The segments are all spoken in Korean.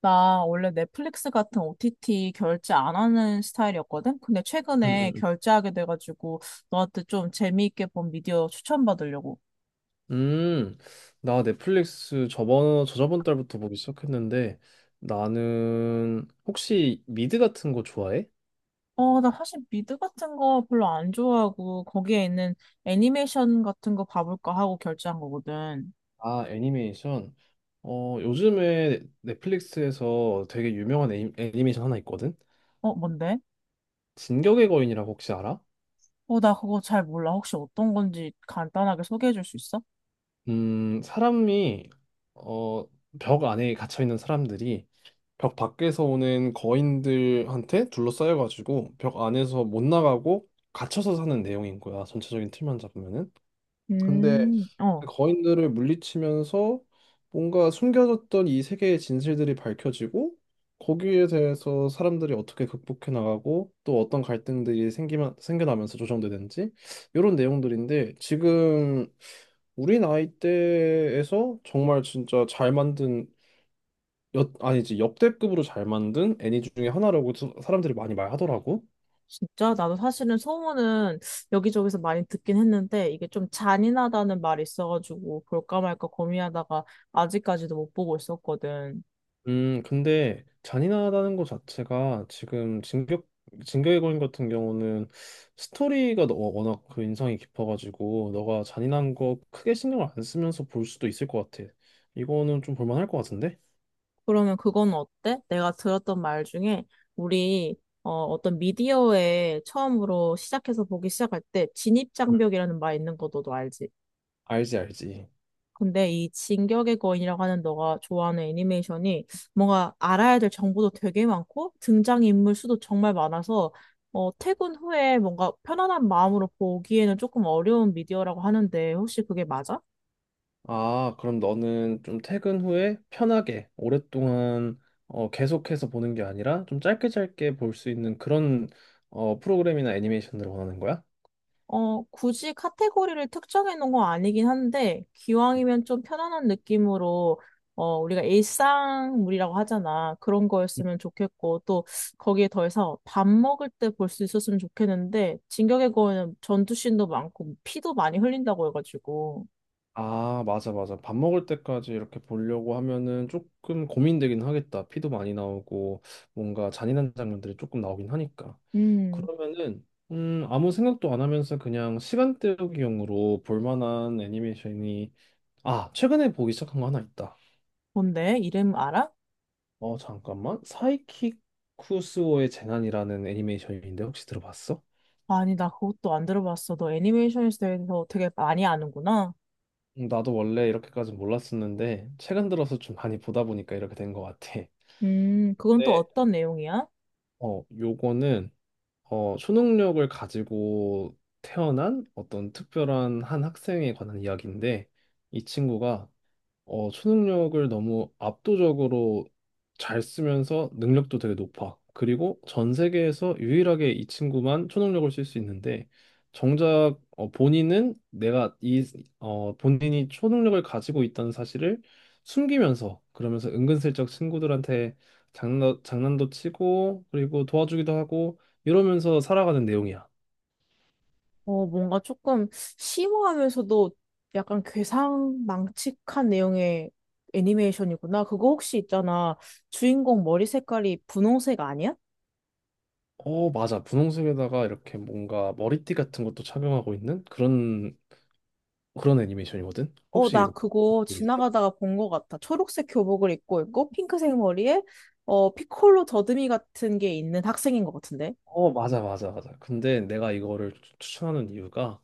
나 원래 넷플릭스 같은 OTT 결제 안 하는 스타일이었거든? 근데 음, 음, 최근에 음. 결제하게 돼가지고 너한테 좀 재미있게 본 미디어 추천받으려고. 음, 나 넷플릭스 저번 저저번 달부터 보기 시작했는데 나는 혹시 미드 같은 거 좋아해? 나 사실 미드 같은 거 별로 안 좋아하고 거기에 있는 애니메이션 같은 거 봐볼까 하고 결제한 거거든. 아, 애니메이션. 요즘에 넷플릭스에서 되게 유명한 애니메이션 하나 있거든. 뭔데? 진격의 거인이라고 혹시 알아? 나 그거 잘 몰라. 혹시 어떤 건지 간단하게 소개해 줄 수 있어? 사람이 어, 벽 안에 갇혀 있는 사람들이 벽 밖에서 오는 거인들한테 둘러싸여 가지고 벽 안에서 못 나가고 갇혀서 사는 내용인 거야. 전체적인 틀만 잡으면은. 근데 그 어. 거인들을 물리치면서 뭔가 숨겨졌던 이 세계의 진실들이 밝혀지고 거기에 대해서 사람들이 어떻게 극복해 나가고 또 어떤 갈등들이 생기면 생겨나면서 조정되는지 이런 내용들인데 지금 우리 나이대에서 정말 진짜 잘 만든 역 아니지, 역대급으로 잘 만든 애니 중에 하나라고 사람들이 많이 말하더라고. 진짜 나도 사실은 소문은 여기저기서 많이 듣긴 했는데 이게 좀 잔인하다는 말이 있어가지고 볼까 말까 고민하다가 아직까지도 못 보고 있었거든. 근데 잔인하다는 것 자체가 지금 진격의 거인 같은 경우는 스토리가 워낙 그 인상이 깊어가지고 너가 잔인한 거 크게 신경을 안 쓰면서 볼 수도 있을 것 같아. 이거는 좀 볼만할 것 같은데? 그러면 그건 어때? 내가 들었던 말 중에 우리 어떤 미디어에 처음으로 시작해서 보기 시작할 때 응. 진입장벽이라는 말 있는 거 너도 알지? 알지, 알지. 근데 이 진격의 거인이라고 하는 너가 좋아하는 애니메이션이 뭔가 알아야 될 정보도 되게 많고 등장인물 수도 정말 많아서 퇴근 후에 뭔가 편안한 마음으로 보기에는 조금 어려운 미디어라고 하는데 혹시 그게 맞아? 아, 그럼 너는 좀 퇴근 후에 편하게 오랫동안 계속해서 보는 게 아니라 좀 짧게 짧게 볼 수 있는 그런 프로그램이나 애니메이션들을 원하는 거야? 굳이 카테고리를 특정해 놓은 건 아니긴 한데, 기왕이면 좀 편안한 느낌으로, 우리가 일상물이라고 하잖아. 그런 거였으면 좋겠고, 또 거기에 더해서 밥 먹을 때 볼 수 있었으면 좋겠는데, 진격의 거인은 전투씬도 많고, 피도 많이 흘린다고 해가지고. 아, 맞아, 맞아. 밥 먹을 때까지 이렇게 보려고 하면은 조금 고민되긴 하겠다. 피도 많이 나오고, 뭔가 잔인한 장면들이 조금 나오긴 하니까. 음, 그러면은, 아무 생각도 안 하면서 그냥 시간 때우기용으로 볼 만한 애니메이션이, 아, 최근에 보기 시작한 거 하나 있다. 뭔데? 이름 알아? 어, 잠깐만. 사이키쿠스오의 재난이라는 애니메이션인데 혹시 들어봤어? 아니, 나 그것도 안 들어봤어. 너 애니메이션에 대해서 되게 많이 아는구나. 나도 원래 이렇게까지 몰랐었는데, 최근 들어서 좀 많이 보다 보니까 이렇게 된 것 같아. 그건 또 네. 어떤 내용이야? 어, 요거는 초능력을 가지고 태어난 어떤 특별한 한 학생에 관한 이야기인데 이 친구가 초능력을 너무 압도적으로 잘 쓰면서 능력도 되게 높아. 그리고 전 세계에서 유일하게 이 친구만 초능력을 쓸 수 있는데, 정작 어, 본인은 내가 이, 어, 본인이 초능력을 가지고 있다는 사실을 숨기면서, 그러면서 은근슬쩍 친구들한테 장난도 치고, 그리고 도와주기도 하고, 이러면서 살아가는 내용이야. 뭔가 조금 심오하면서도 약간 괴상망측한 내용의 애니메이션이구나. 그거 혹시 있잖아. 주인공 머리 색깔이 분홍색 아니야? 어, 맞아. 분홍색에다가 이렇게 뭔가 머리띠 같은 것도 착용하고 있는 그런 애니메이션이거든? 혹시 나 이거 본 그거 적 있어? 지나가다가 본 것 같아. 초록색 교복을 입고 있고, 핑크색 머리에, 피콜로 더듬이 같은 게 있는 학생인 것 같은데. 어, 맞아, 맞아, 맞아. 근데 내가 이거를 추천하는 이유가,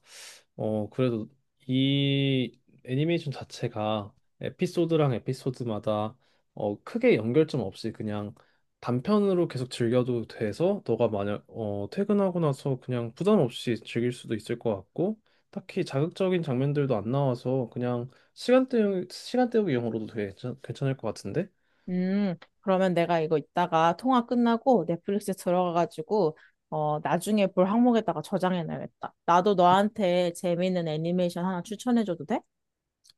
어, 그래도 이 애니메이션 자체가 에피소드랑 에피소드마다 크게 연결점 없이 그냥 단편으로 계속 즐겨도 돼서 너가 만약 퇴근하고 나서 그냥 부담 없이 즐길 수도 있을 것 같고, 딱히 자극적인 장면들도 안 나와서 그냥 시간 때우기용으로도 되 괜찮을 것 같은데? 음, 그러면 내가 이거 이따가 통화 끝나고 넷플릭스에 들어가가지고, 나중에 볼 항목에다가 저장해놔야겠다. 나도 너한테 재미있는 애니메이션 하나 추천해줘도 돼?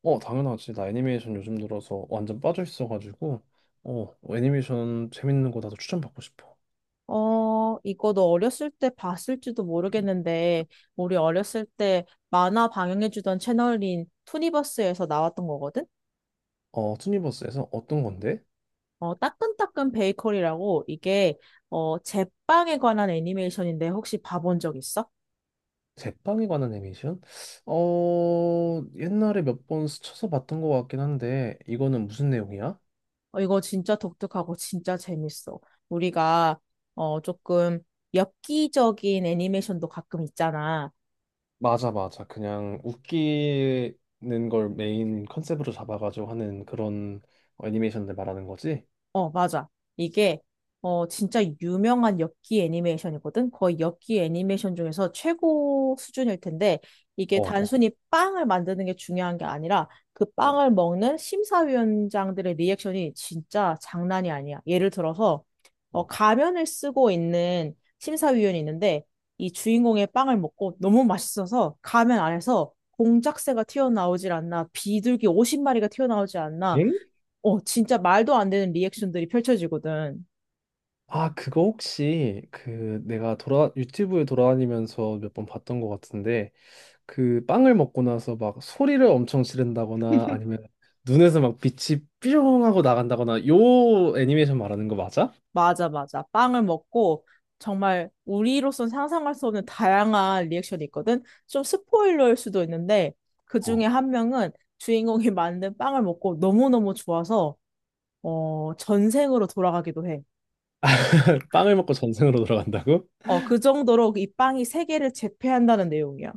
어, 당연하지. 나 애니메이션 요즘 들어서 완전 빠져 있어가지고, 어, 애니메이션 재밌는 거 나도 추천받고 싶어. 이거 너 어렸을 때 봤을지도 모르겠는데, 우리 어렸을 때 만화 방영해주던 채널인 투니버스에서 나왔던 거거든? 어, 투니버스에서 어떤 건데? 따끈따끈 베이커리라고 이게, 제빵에 관한 애니메이션인데 혹시 봐본 적 있어? 제빵에 관한 애니메이션? 어, 옛날에 몇 번 스쳐서 봤던 것 같긴 한데, 이거는 무슨 내용이야? 이거 진짜 독특하고 진짜 재밌어. 우리가, 조금 엽기적인 애니메이션도 가끔 있잖아. 맞아, 맞아. 그냥 웃기는 걸 메인 컨셉으로 잡아가지고 하는 그런 애니메이션들 말하는 거지? 어, 맞아. 이게, 진짜 유명한 엽기 애니메이션이거든? 거의 엽기 애니메이션 중에서 최고 수준일 텐데, 이게 어, 어, 단순히 빵을 만드는 게 중요한 게 아니라, 그 어, 빵을 먹는 심사위원장들의 리액션이 진짜 장난이 아니야. 예를 들어서, 어. 가면을 쓰고 있는 심사위원이 있는데, 이 주인공의 빵을 먹고 너무 맛있어서 가면 안에서 공작새가 튀어나오질 않나, 비둘기 50마리가 튀어나오지 않나, 엥? 진짜 말도 안 되는 리액션들이 펼쳐지거든. 아, 그거 혹시 그 내가 돌아 유튜브에 돌아다니면서 몇 번 봤던 것 같은데 그 빵을 먹고 나서 막 소리를 엄청 지른다거나 아니면 눈에서 막 빛이 삐용 하고 나간다거나 요 애니메이션 말하는 거 맞아? 맞아, 맞아. 빵을 먹고 정말 우리로선 상상할 수 없는 다양한 리액션이 있거든. 좀 스포일러일 수도 있는데 그 중에 어. 한 명은 주인공이 만든 빵을 먹고 너무너무 좋아서 전생으로 돌아가기도 해. 빵을 먹고 전생으로 돌아간다고? 그 정도로 이 빵이 세계를 제패한다는 내용이야.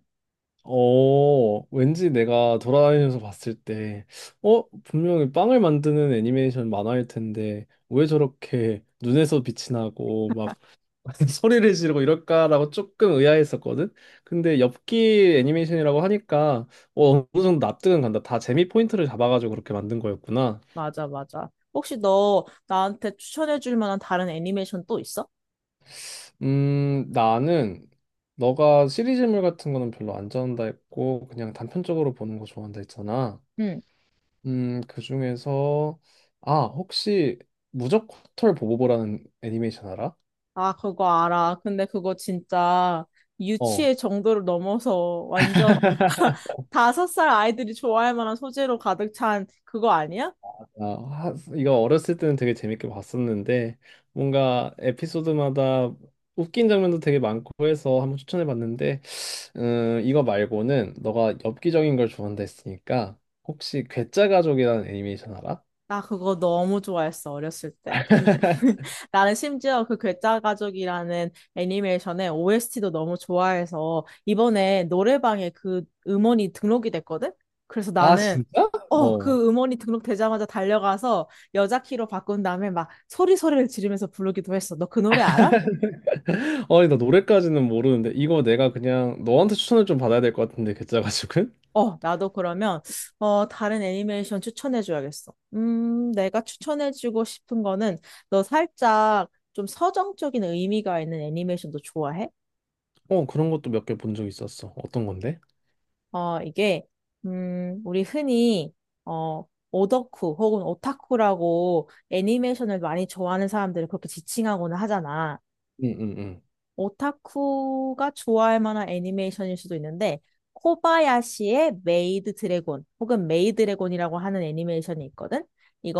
어, 왠지 내가 돌아다니면서 봤을 때, 어, 분명히 빵을 만드는 애니메이션 만화일 텐데, 왜 저렇게 눈에서 빛이 나고, 막 소리를 지르고 이럴까라고 조금 의아했었거든. 근데 엽기 애니메이션이라고 하니까 어, 어느 정도 납득은 간다. 다 재미 포인트를 잡아가지고 그렇게 만든 거였구나. 맞아, 맞아. 혹시 너 나한테 추천해 줄 만한 다른 애니메이션 또 있어? 나는 너가 시리즈물 같은 거는 별로 안 좋아한다 했고 그냥 단편적으로 보는 거 좋아한다 했잖아. 응. 그중에서 아, 혹시 무적호털 보보보라는 애니메이션 알아? 아, 그거 알아. 근데 그거 진짜 어. 유치의 정도를 넘어서 완전 5살 아이들이 좋아할 만한 소재로 가득 찬 그거 아니야? 아, 이거 어렸을 때는 되게 재밌게 봤었는데 뭔가 에피소드마다 웃긴 장면도 되게 많고 해서 한번 추천해 봤는데 이거 말고는 너가 엽기적인 걸 좋아한다 했으니까 혹시 괴짜 가족이라는 애니메이션 알아? 나 그거 너무 좋아했어, 어렸을 때. 근 나는 심지어 그 괴짜 가족이라는 애니메이션의 OST도 너무 좋아해서 이번에 노래방에 그 음원이 등록이 됐거든? 그래서 아, 나는 진짜? 어. 그 음원이 등록되자마자 달려가서 여자 키로 바꾼 다음에 막 소리소리를 지르면서 부르기도 했어. 너 그 노래 알아? 아니, 나 노래까지는 모르는데 이거 내가 그냥 너한테 추천을 좀 받아야 될 것 같은데 괴짜 가족은? 나도 그러면, 다른 애니메이션 추천해줘야겠어. 내가 추천해주고 싶은 거는, 너 살짝 좀 서정적인 의미가 있는 애니메이션도 좋아해? 어, 그런 것도 몇 개 본 적 있었어. 어떤 건데? 이게, 우리 흔히, 어, 오덕후 혹은 오타쿠라고 애니메이션을 많이 좋아하는 사람들을 그렇게 지칭하거나 하잖아. 응, 응, 응. 오타쿠가 좋아할 만한 애니메이션일 수도 있는데 코바야시의 메이드 드래곤 혹은 메이 드래곤이라고 하는 애니메이션이 있거든.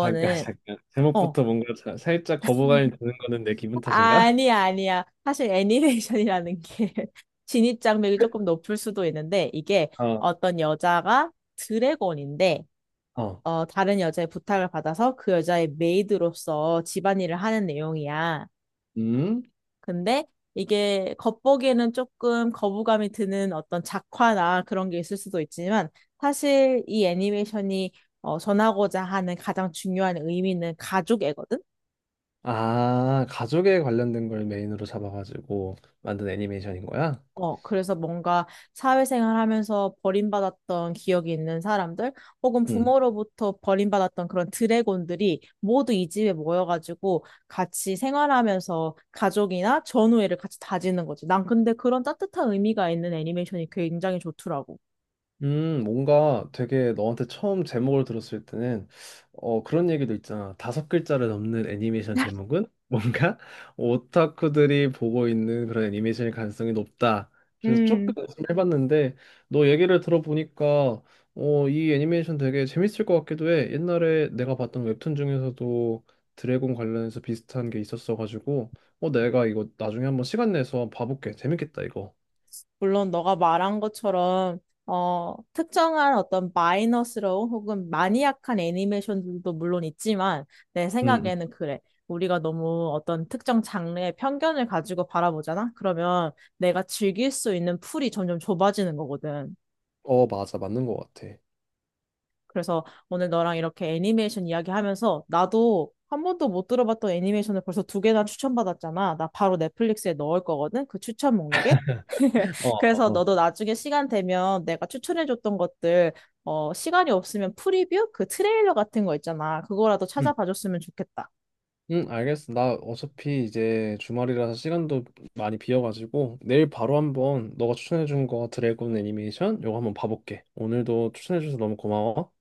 잠깐, 잠깐. 어 제목부터 뭔가 살짝 거부감이 드는 거는 내 기분 탓인가? 아니, 아니야. 사실 애니메이션이라는 게 진입 장벽이 조금 높을 수도 있는데 이게 어, 어떤 여자가 드래곤인데 어, 다른 여자의 부탁을 받아서 그 여자의 메이드로서 집안일을 하는 내용이야. 음? 근데 이게 겉보기에는 조금 거부감이 드는 어떤 작화나 그런 게 있을 수도 있지만 사실 이 애니메이션이 전하고자 하는 가장 중요한 의미는 가족애거든? 아, 가족에 관련된 걸 메인으로 잡아가지고 만든 애니메이션인 거야? 그래서 뭔가 사회생활하면서 버림받았던 기억이 있는 사람들 혹은 응. 부모로부터 버림받았던 그런 드래곤들이 모두 이 집에 모여가지고 같이 생활하면서 가족이나 전우애를 같이 다지는 거지. 난 근데 그런 따뜻한 의미가 있는 애니메이션이 굉장히 좋더라고. 뭔가 되게 너한테 처음 제목을 들었을 때는 어, 그런 얘기도 있잖아. 다섯 글자를 넘는 애니메이션 제목은 뭔가 오타쿠들이 보고 있는 그런 애니메이션일 가능성이 높다. 그래서 조금 음, 의심을 해봤는데 너 얘기를 들어보니까 어, 이 애니메이션 되게 재밌을 것 같기도 해. 옛날에 내가 봤던 웹툰 중에서도 드래곤 관련해서 비슷한 게 있었어가지고 어, 내가 이거 나중에 한번 시간 내서 봐볼게. 재밌겠다, 이거. 물론 너가 말한 것처럼 특정한 어떤 마이너스러운 혹은 마니악한 애니메이션들도 물론 있지만 내 음, 음. 생각에는 그래. 우리가 너무 어떤 특정 장르의 편견을 가지고 바라보잖아? 그러면 내가 즐길 수 있는 풀이 점점 좁아지는 거거든. 어, 맞아. 맞는 것 같아. 그래서 오늘 너랑 이렇게 애니메이션 이야기하면서 나도 한 번도 못 들어봤던 애니메이션을 벌써 두 개나 추천받았잖아. 나 바로 넷플릭스에 넣을 거거든. 그 추천 목록에. 어, 그래서 어, 어. 너도 나중에 시간 되면 내가 추천해줬던 것들, 시간이 없으면 프리뷰? 그 트레일러 같은 거 있잖아. 그거라도 응, 찾아봐줬으면 좋겠다. 응, 알겠어. 나 어차피 이제 주말이라서 시간도 많이 비어가지고 내일 바로 한번 너가 추천해준 거 드래곤 애니메이션 요거 한번 봐볼게. 오늘도 추천해줘서 너무 고마워.